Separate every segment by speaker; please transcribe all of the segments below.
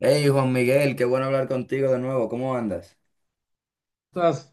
Speaker 1: Hey Juan Miguel, qué bueno hablar contigo de nuevo. ¿Cómo andas?
Speaker 2: Todas-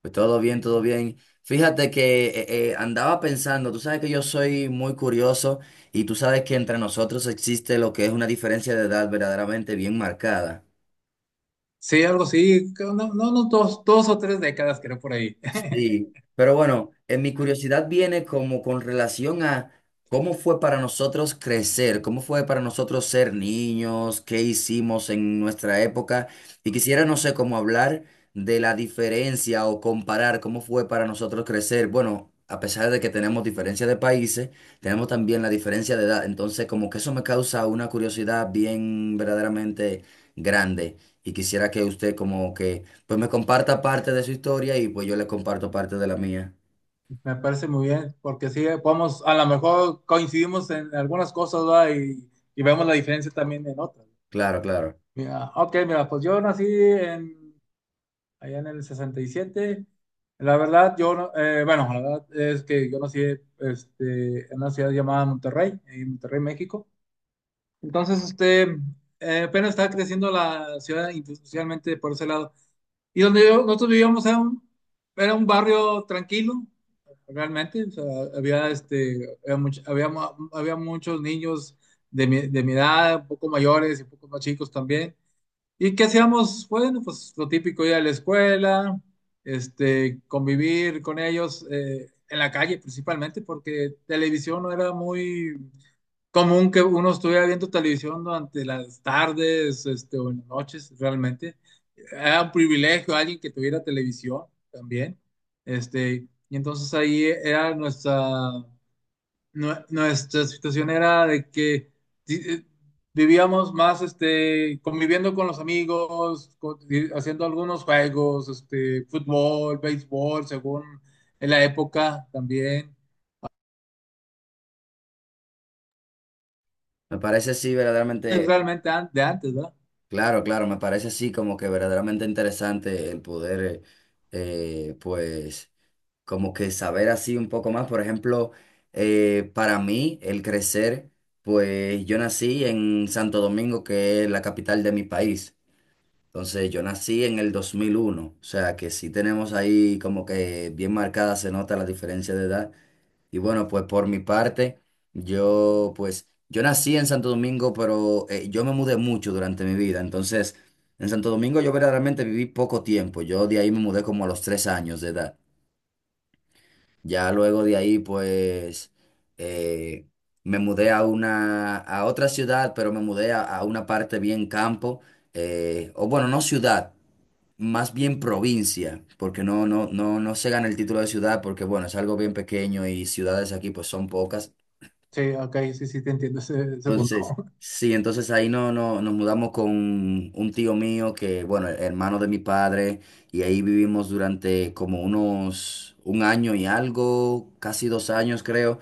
Speaker 1: Pues todo bien, todo bien. Fíjate que andaba pensando, tú sabes que yo soy muy curioso y tú sabes que entre nosotros existe lo que es una diferencia de edad verdaderamente bien marcada.
Speaker 2: sí, algo así, creo, no, dos o tres décadas creo por ahí.
Speaker 1: Sí, pero bueno, en mi curiosidad viene como con relación a cómo fue para nosotros crecer, cómo fue para nosotros ser niños, qué hicimos en nuestra época. Y quisiera, no sé, cómo hablar de la diferencia o comparar cómo fue para nosotros crecer. Bueno, a pesar de que tenemos diferencia de países, tenemos también la diferencia de edad. Entonces, como que eso me causa una curiosidad bien verdaderamente grande. Y quisiera que usted como que pues me comparta parte de su historia y pues yo le comparto parte de la mía.
Speaker 2: Me parece muy bien, porque sí, vamos, a lo mejor coincidimos en algunas cosas, ¿verdad? Y vemos la diferencia también en otras.
Speaker 1: Claro, claro.
Speaker 2: Mira, ok, mira, pues allá en el 67. La verdad, yo, no- bueno, La verdad es que yo nací en una ciudad llamada Monterrey, en Monterrey, México. Entonces, este, Apenas estaba creciendo la ciudad institucionalmente por ese lado. Nosotros vivíamos era era un barrio tranquilo, realmente. O sea, había, este, había, much- había, mu- había muchos niños de mi edad, un poco mayores y un poco más chicos también. ¿Y qué hacíamos? Bueno, pues lo típico, ir a la escuela, convivir con ellos en la calle principalmente, porque televisión no era muy común que uno estuviera viendo televisión durante las tardes, o en las noches, realmente. Era un privilegio alguien que tuviera televisión también. Y entonces ahí era nuestra situación era de que di- eh, vivíamos más, conviviendo con los amigos, haciendo algunos juegos, fútbol, béisbol, según en la época también.
Speaker 1: Me parece así
Speaker 2: Es
Speaker 1: verdaderamente,
Speaker 2: realmente de antes, ¿verdad?
Speaker 1: claro, claro, me parece así como que verdaderamente interesante el poder, pues, como que saber así un poco más. Por ejemplo, para mí, el crecer, pues yo nací en Santo Domingo, que es la capital de mi país. Entonces, yo nací en el 2001, o sea que sí tenemos ahí como que bien marcada, se nota la diferencia de edad. Y bueno, pues por mi parte, yo pues yo nací en Santo Domingo, pero yo me mudé mucho durante mi vida. Entonces, en Santo Domingo yo verdaderamente viví poco tiempo. Yo de ahí me mudé como a los 3 años de edad. Ya luego de ahí, pues eh, me mudé a otra ciudad, pero me mudé a una parte bien campo, o bueno, no ciudad, más bien provincia, porque no se gana el título de ciudad, porque bueno, es algo bien pequeño y ciudades aquí pues son pocas.
Speaker 2: Sí, ok, sí, sí, te entiendo ese punto.
Speaker 1: Entonces, sí, entonces ahí no nos mudamos con un tío mío que, bueno, hermano de mi padre, y ahí vivimos durante como unos 1 año y algo, casi 2 años creo.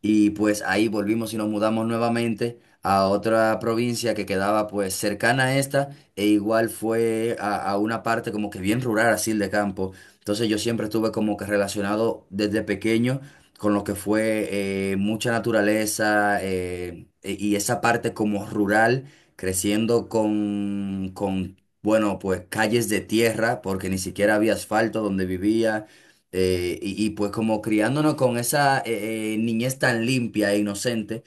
Speaker 1: Y pues ahí volvimos y nos mudamos nuevamente a otra provincia que quedaba pues cercana a esta e igual fue a una parte como que bien rural, así de campo. Entonces yo siempre estuve como que relacionado desde pequeño con lo que fue mucha naturaleza y esa parte como rural, creciendo con, bueno, pues calles de tierra, porque ni siquiera había asfalto donde vivía, pues como criándonos con esa niñez tan limpia e inocente,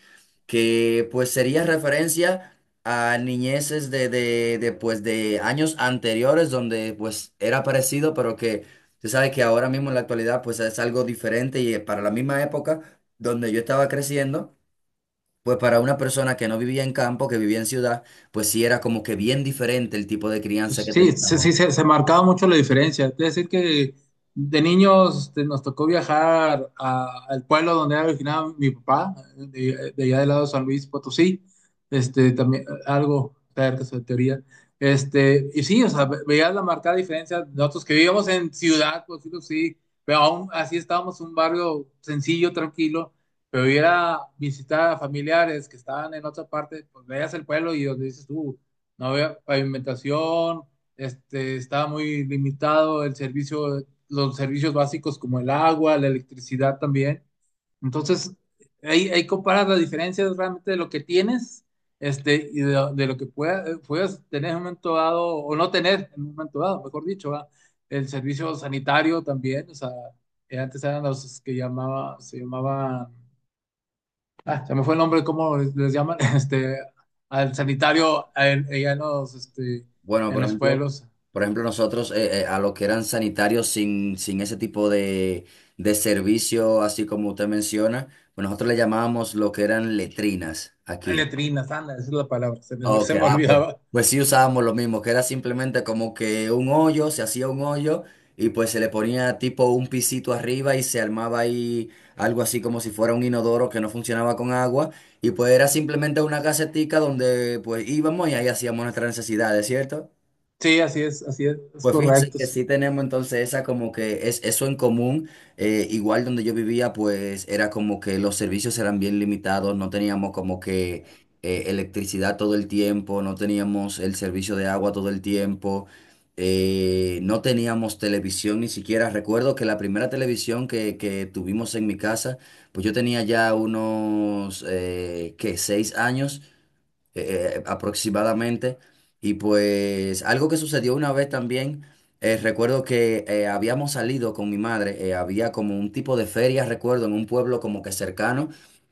Speaker 1: que pues sería referencia a niñeces de pues, de años anteriores donde pues era parecido, pero que tú sabes que ahora mismo en la actualidad pues es algo diferente y, para la misma época donde yo estaba creciendo. Pues para una persona que no vivía en campo, que vivía en ciudad, pues sí era como que bien diferente el tipo de crianza que
Speaker 2: Sí, sí,
Speaker 1: teníamos.
Speaker 2: sí, se marcaba mucho la diferencia. Es decir, que de niños, nos tocó viajar al pueblo donde era originado mi papá, de allá del lado de San Luis Potosí, este, también algo cerca de teoría. Y sí, o sea, veías la marcada diferencia. Nosotros que vivíamos en ciudad, por decirlo así, pero aún así estábamos en un barrio sencillo, tranquilo. Pero ir a visitar a familiares que estaban en otra parte, pues veías el pueblo y donde dices tú no había pavimentación, estaba muy limitado el servicio, los servicios básicos como el agua, la electricidad también. Entonces, ahí comparas las diferencias realmente de lo que tienes, de lo que puedas tener en un momento dado, o no tener en un momento dado, mejor dicho, ¿verdad? El servicio sanitario también, o sea, antes eran los que llamaba, se llamaban... Ah, se me fue el nombre, ¿cómo les llaman? Al sanitario, allá en los,
Speaker 1: Bueno,
Speaker 2: en los pueblos.
Speaker 1: por ejemplo, nosotros a los que eran sanitarios sin ese tipo de servicio, así como usted menciona, pues nosotros le llamábamos lo que eran letrinas
Speaker 2: A
Speaker 1: aquí.
Speaker 2: letrinas, anda, esa es la palabra,
Speaker 1: Ok,
Speaker 2: se me
Speaker 1: ah, pues,
Speaker 2: olvidaba.
Speaker 1: pues sí usábamos lo mismo, que era simplemente como que un hoyo, se hacía un hoyo y pues se le ponía tipo un pisito arriba y se armaba ahí algo así como si fuera un inodoro que no funcionaba con agua y pues era simplemente una casetica donde pues íbamos y ahí hacíamos nuestras necesidades, ¿cierto?
Speaker 2: Sí, así es
Speaker 1: Pues fíjese
Speaker 2: correcto.
Speaker 1: que
Speaker 2: Sí.
Speaker 1: sí tenemos entonces esa como que es eso en común. Igual donde yo vivía, pues era como que los servicios eran bien limitados, no teníamos como que electricidad todo el tiempo, no teníamos el servicio de agua todo el tiempo, no teníamos televisión ni siquiera. Recuerdo que la primera televisión que tuvimos en mi casa, pues yo tenía ya unos, ¿qué? 6 años aproximadamente. Y pues algo que sucedió una vez también, recuerdo que habíamos salido con mi madre, había como un tipo de feria, recuerdo, en un pueblo como que cercano,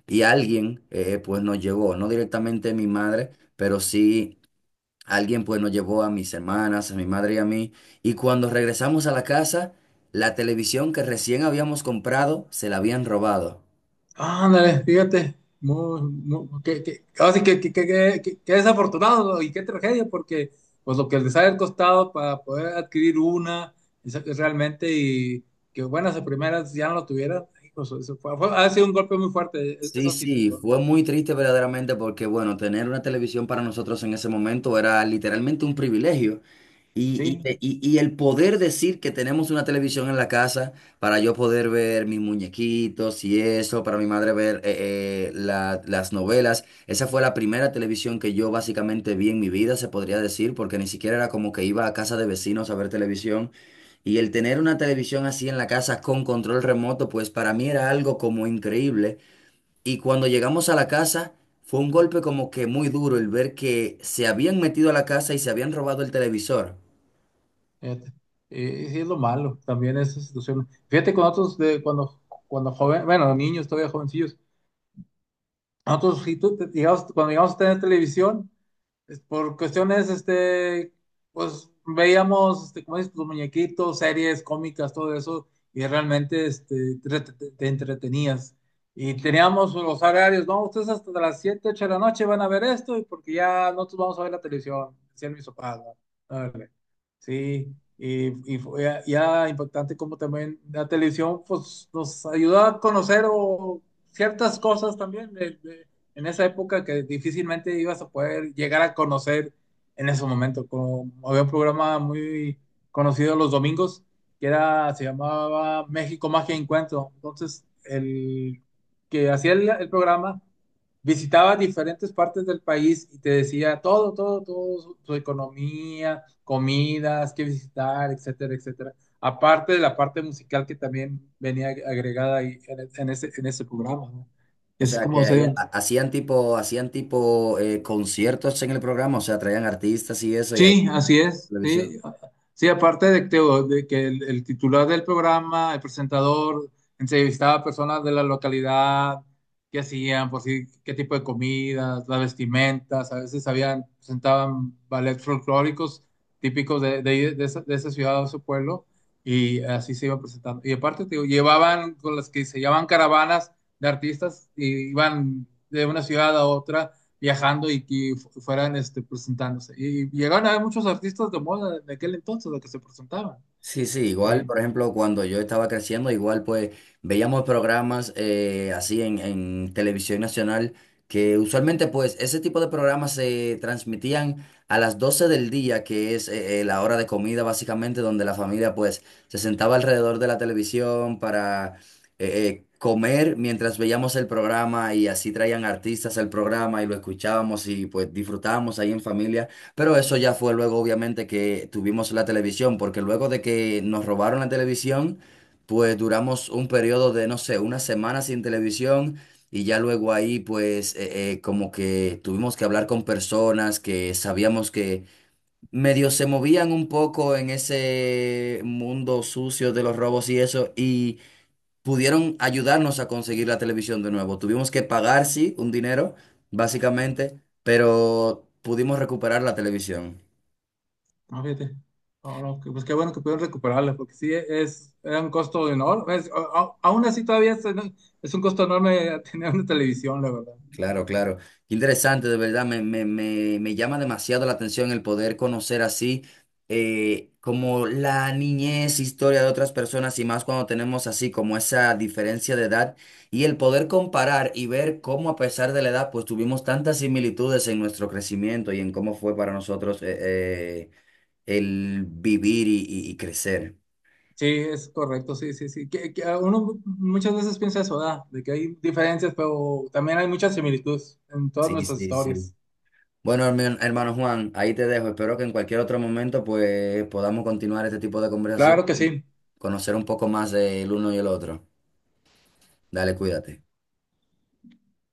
Speaker 1: y alguien, pues nos llevó, no directamente mi madre, pero sí alguien pues nos llevó a mis hermanas, a mi madre y a mí. Y cuando regresamos a la casa, la televisión que recién habíamos comprado se la habían robado.
Speaker 2: Ándale, fíjate. Muy, muy, ahora sí que, que desafortunado, ¿no? Y qué tragedia, porque pues lo que les ha costado para poder adquirir una, esa que es realmente, y que buenas a primeras ya no lo tuvieran, hijo, eso ha sido un golpe muy fuerte
Speaker 1: Sí,
Speaker 2: esa
Speaker 1: sí,
Speaker 2: situación.
Speaker 1: fue muy triste verdaderamente porque, bueno, tener una televisión para nosotros en ese momento era literalmente un privilegio. Y,
Speaker 2: Sí,
Speaker 1: y, y- y el poder decir que tenemos una televisión en la casa para yo poder ver mis muñequitos y eso, para mi madre ver las novelas. Esa fue la primera televisión que yo básicamente vi en mi vida, se podría decir, porque ni siquiera era como que iba a casa de vecinos a ver televisión. Y el tener una televisión así en la casa con control remoto, pues para mí era algo como increíble. Y cuando llegamos a la casa, fue un golpe como que muy duro el ver que se habían metido a la casa y se habían robado el televisor.
Speaker 2: fíjate. Y sí es lo malo, también esa situación. Fíjate con otros de cuando, cuando joven, bueno, niños todavía jovencillos, nosotros sí, cuando llegamos a tener televisión, por cuestiones, pues veíamos, como dices, los muñequitos, series cómicas, todo eso, y realmente, te entretenías. Y teníamos los horarios, no, ustedes hasta las 7 8 de la noche van a ver esto, y porque ya nosotros vamos a ver la televisión, decían mis papás, ¿no? Órale. Y fue ya, ya impactante como también la televisión, pues nos ayudó a conocer o ciertas cosas también. En esa época que difícilmente ibas a poder llegar a conocer en ese momento. Como había un programa muy conocido los domingos se llamaba México Magia y Encuentro. Entonces, el que hacía el programa visitaba diferentes partes del país y te decía todo, su economía, comidas, qué visitar, etcétera, etcétera. Aparte de la parte musical que también venía agregada ahí en ese programa, ¿no?
Speaker 1: O
Speaker 2: Es
Speaker 1: sea,
Speaker 2: como
Speaker 1: que ahí
Speaker 2: se,
Speaker 1: hacían tipo conciertos en el programa, o sea, traían artistas y eso y ahí
Speaker 2: Sí,
Speaker 1: la
Speaker 2: así es.
Speaker 1: televisión.
Speaker 2: Sí, sí aparte de que el titular del programa, el presentador, entrevistaba a personas de la localidad, qué hacían, por si qué tipo de comidas, las vestimentas. A veces habían, presentaban ballets folclóricos típicos de esa ciudad o ese pueblo, y así se iba presentando. Y aparte, te digo, llevaban con las que se llamaban caravanas de artistas, y iban de una ciudad a otra viajando y que fueran, presentándose. Y llegaron a haber muchos artistas de moda de aquel entonces, los que se presentaban.
Speaker 1: Sí, sí, igual,
Speaker 2: Sí,
Speaker 1: por ejemplo, cuando yo estaba creciendo, igual pues veíamos programas así en televisión nacional, que usualmente pues ese tipo de programas se transmitían a las 12 del día, que es la hora de comida básicamente, donde la familia pues se sentaba alrededor de la televisión para comer mientras veíamos el programa y así traían artistas al programa y lo escuchábamos y pues disfrutábamos ahí en familia. Pero eso ya fue luego, obviamente, que tuvimos la televisión, porque luego de que nos robaron la televisión, pues duramos un periodo de, no sé, una semana sin televisión y ya luego ahí, pues, como que tuvimos que hablar con personas que sabíamos que medio se movían un poco en ese mundo sucio de los robos y eso, y pudieron ayudarnos a conseguir la televisión de nuevo. Tuvimos que pagar, sí, un dinero, básicamente, pero pudimos recuperar la televisión.
Speaker 2: no, fíjate. No, no, que- pues qué bueno que pudieron recuperarla, porque sí es, era un costo enorme. Aún así todavía es, ¿no? Es un costo enorme tener una televisión, la verdad.
Speaker 1: Claro, claro. Qué interesante, de verdad, me llama demasiado la atención el poder conocer así, como la niñez, historia de otras personas y más cuando tenemos así como esa diferencia de edad y el poder comparar y ver cómo a pesar de la edad pues tuvimos tantas similitudes en nuestro crecimiento y en cómo fue para nosotros el vivir y crecer.
Speaker 2: Sí, es correcto, sí, sí, sí. Que uno muchas veces piensa eso, ¿verdad? De que hay diferencias, pero también hay muchas similitudes en todas
Speaker 1: Sí,
Speaker 2: nuestras
Speaker 1: sí, sí.
Speaker 2: historias.
Speaker 1: Bueno, hermano Juan, ahí te dejo. Espero que en cualquier otro momento pues podamos continuar este tipo de conversación
Speaker 2: Claro que
Speaker 1: y
Speaker 2: sí.
Speaker 1: conocer un poco más del uno y el otro. Dale, cuídate.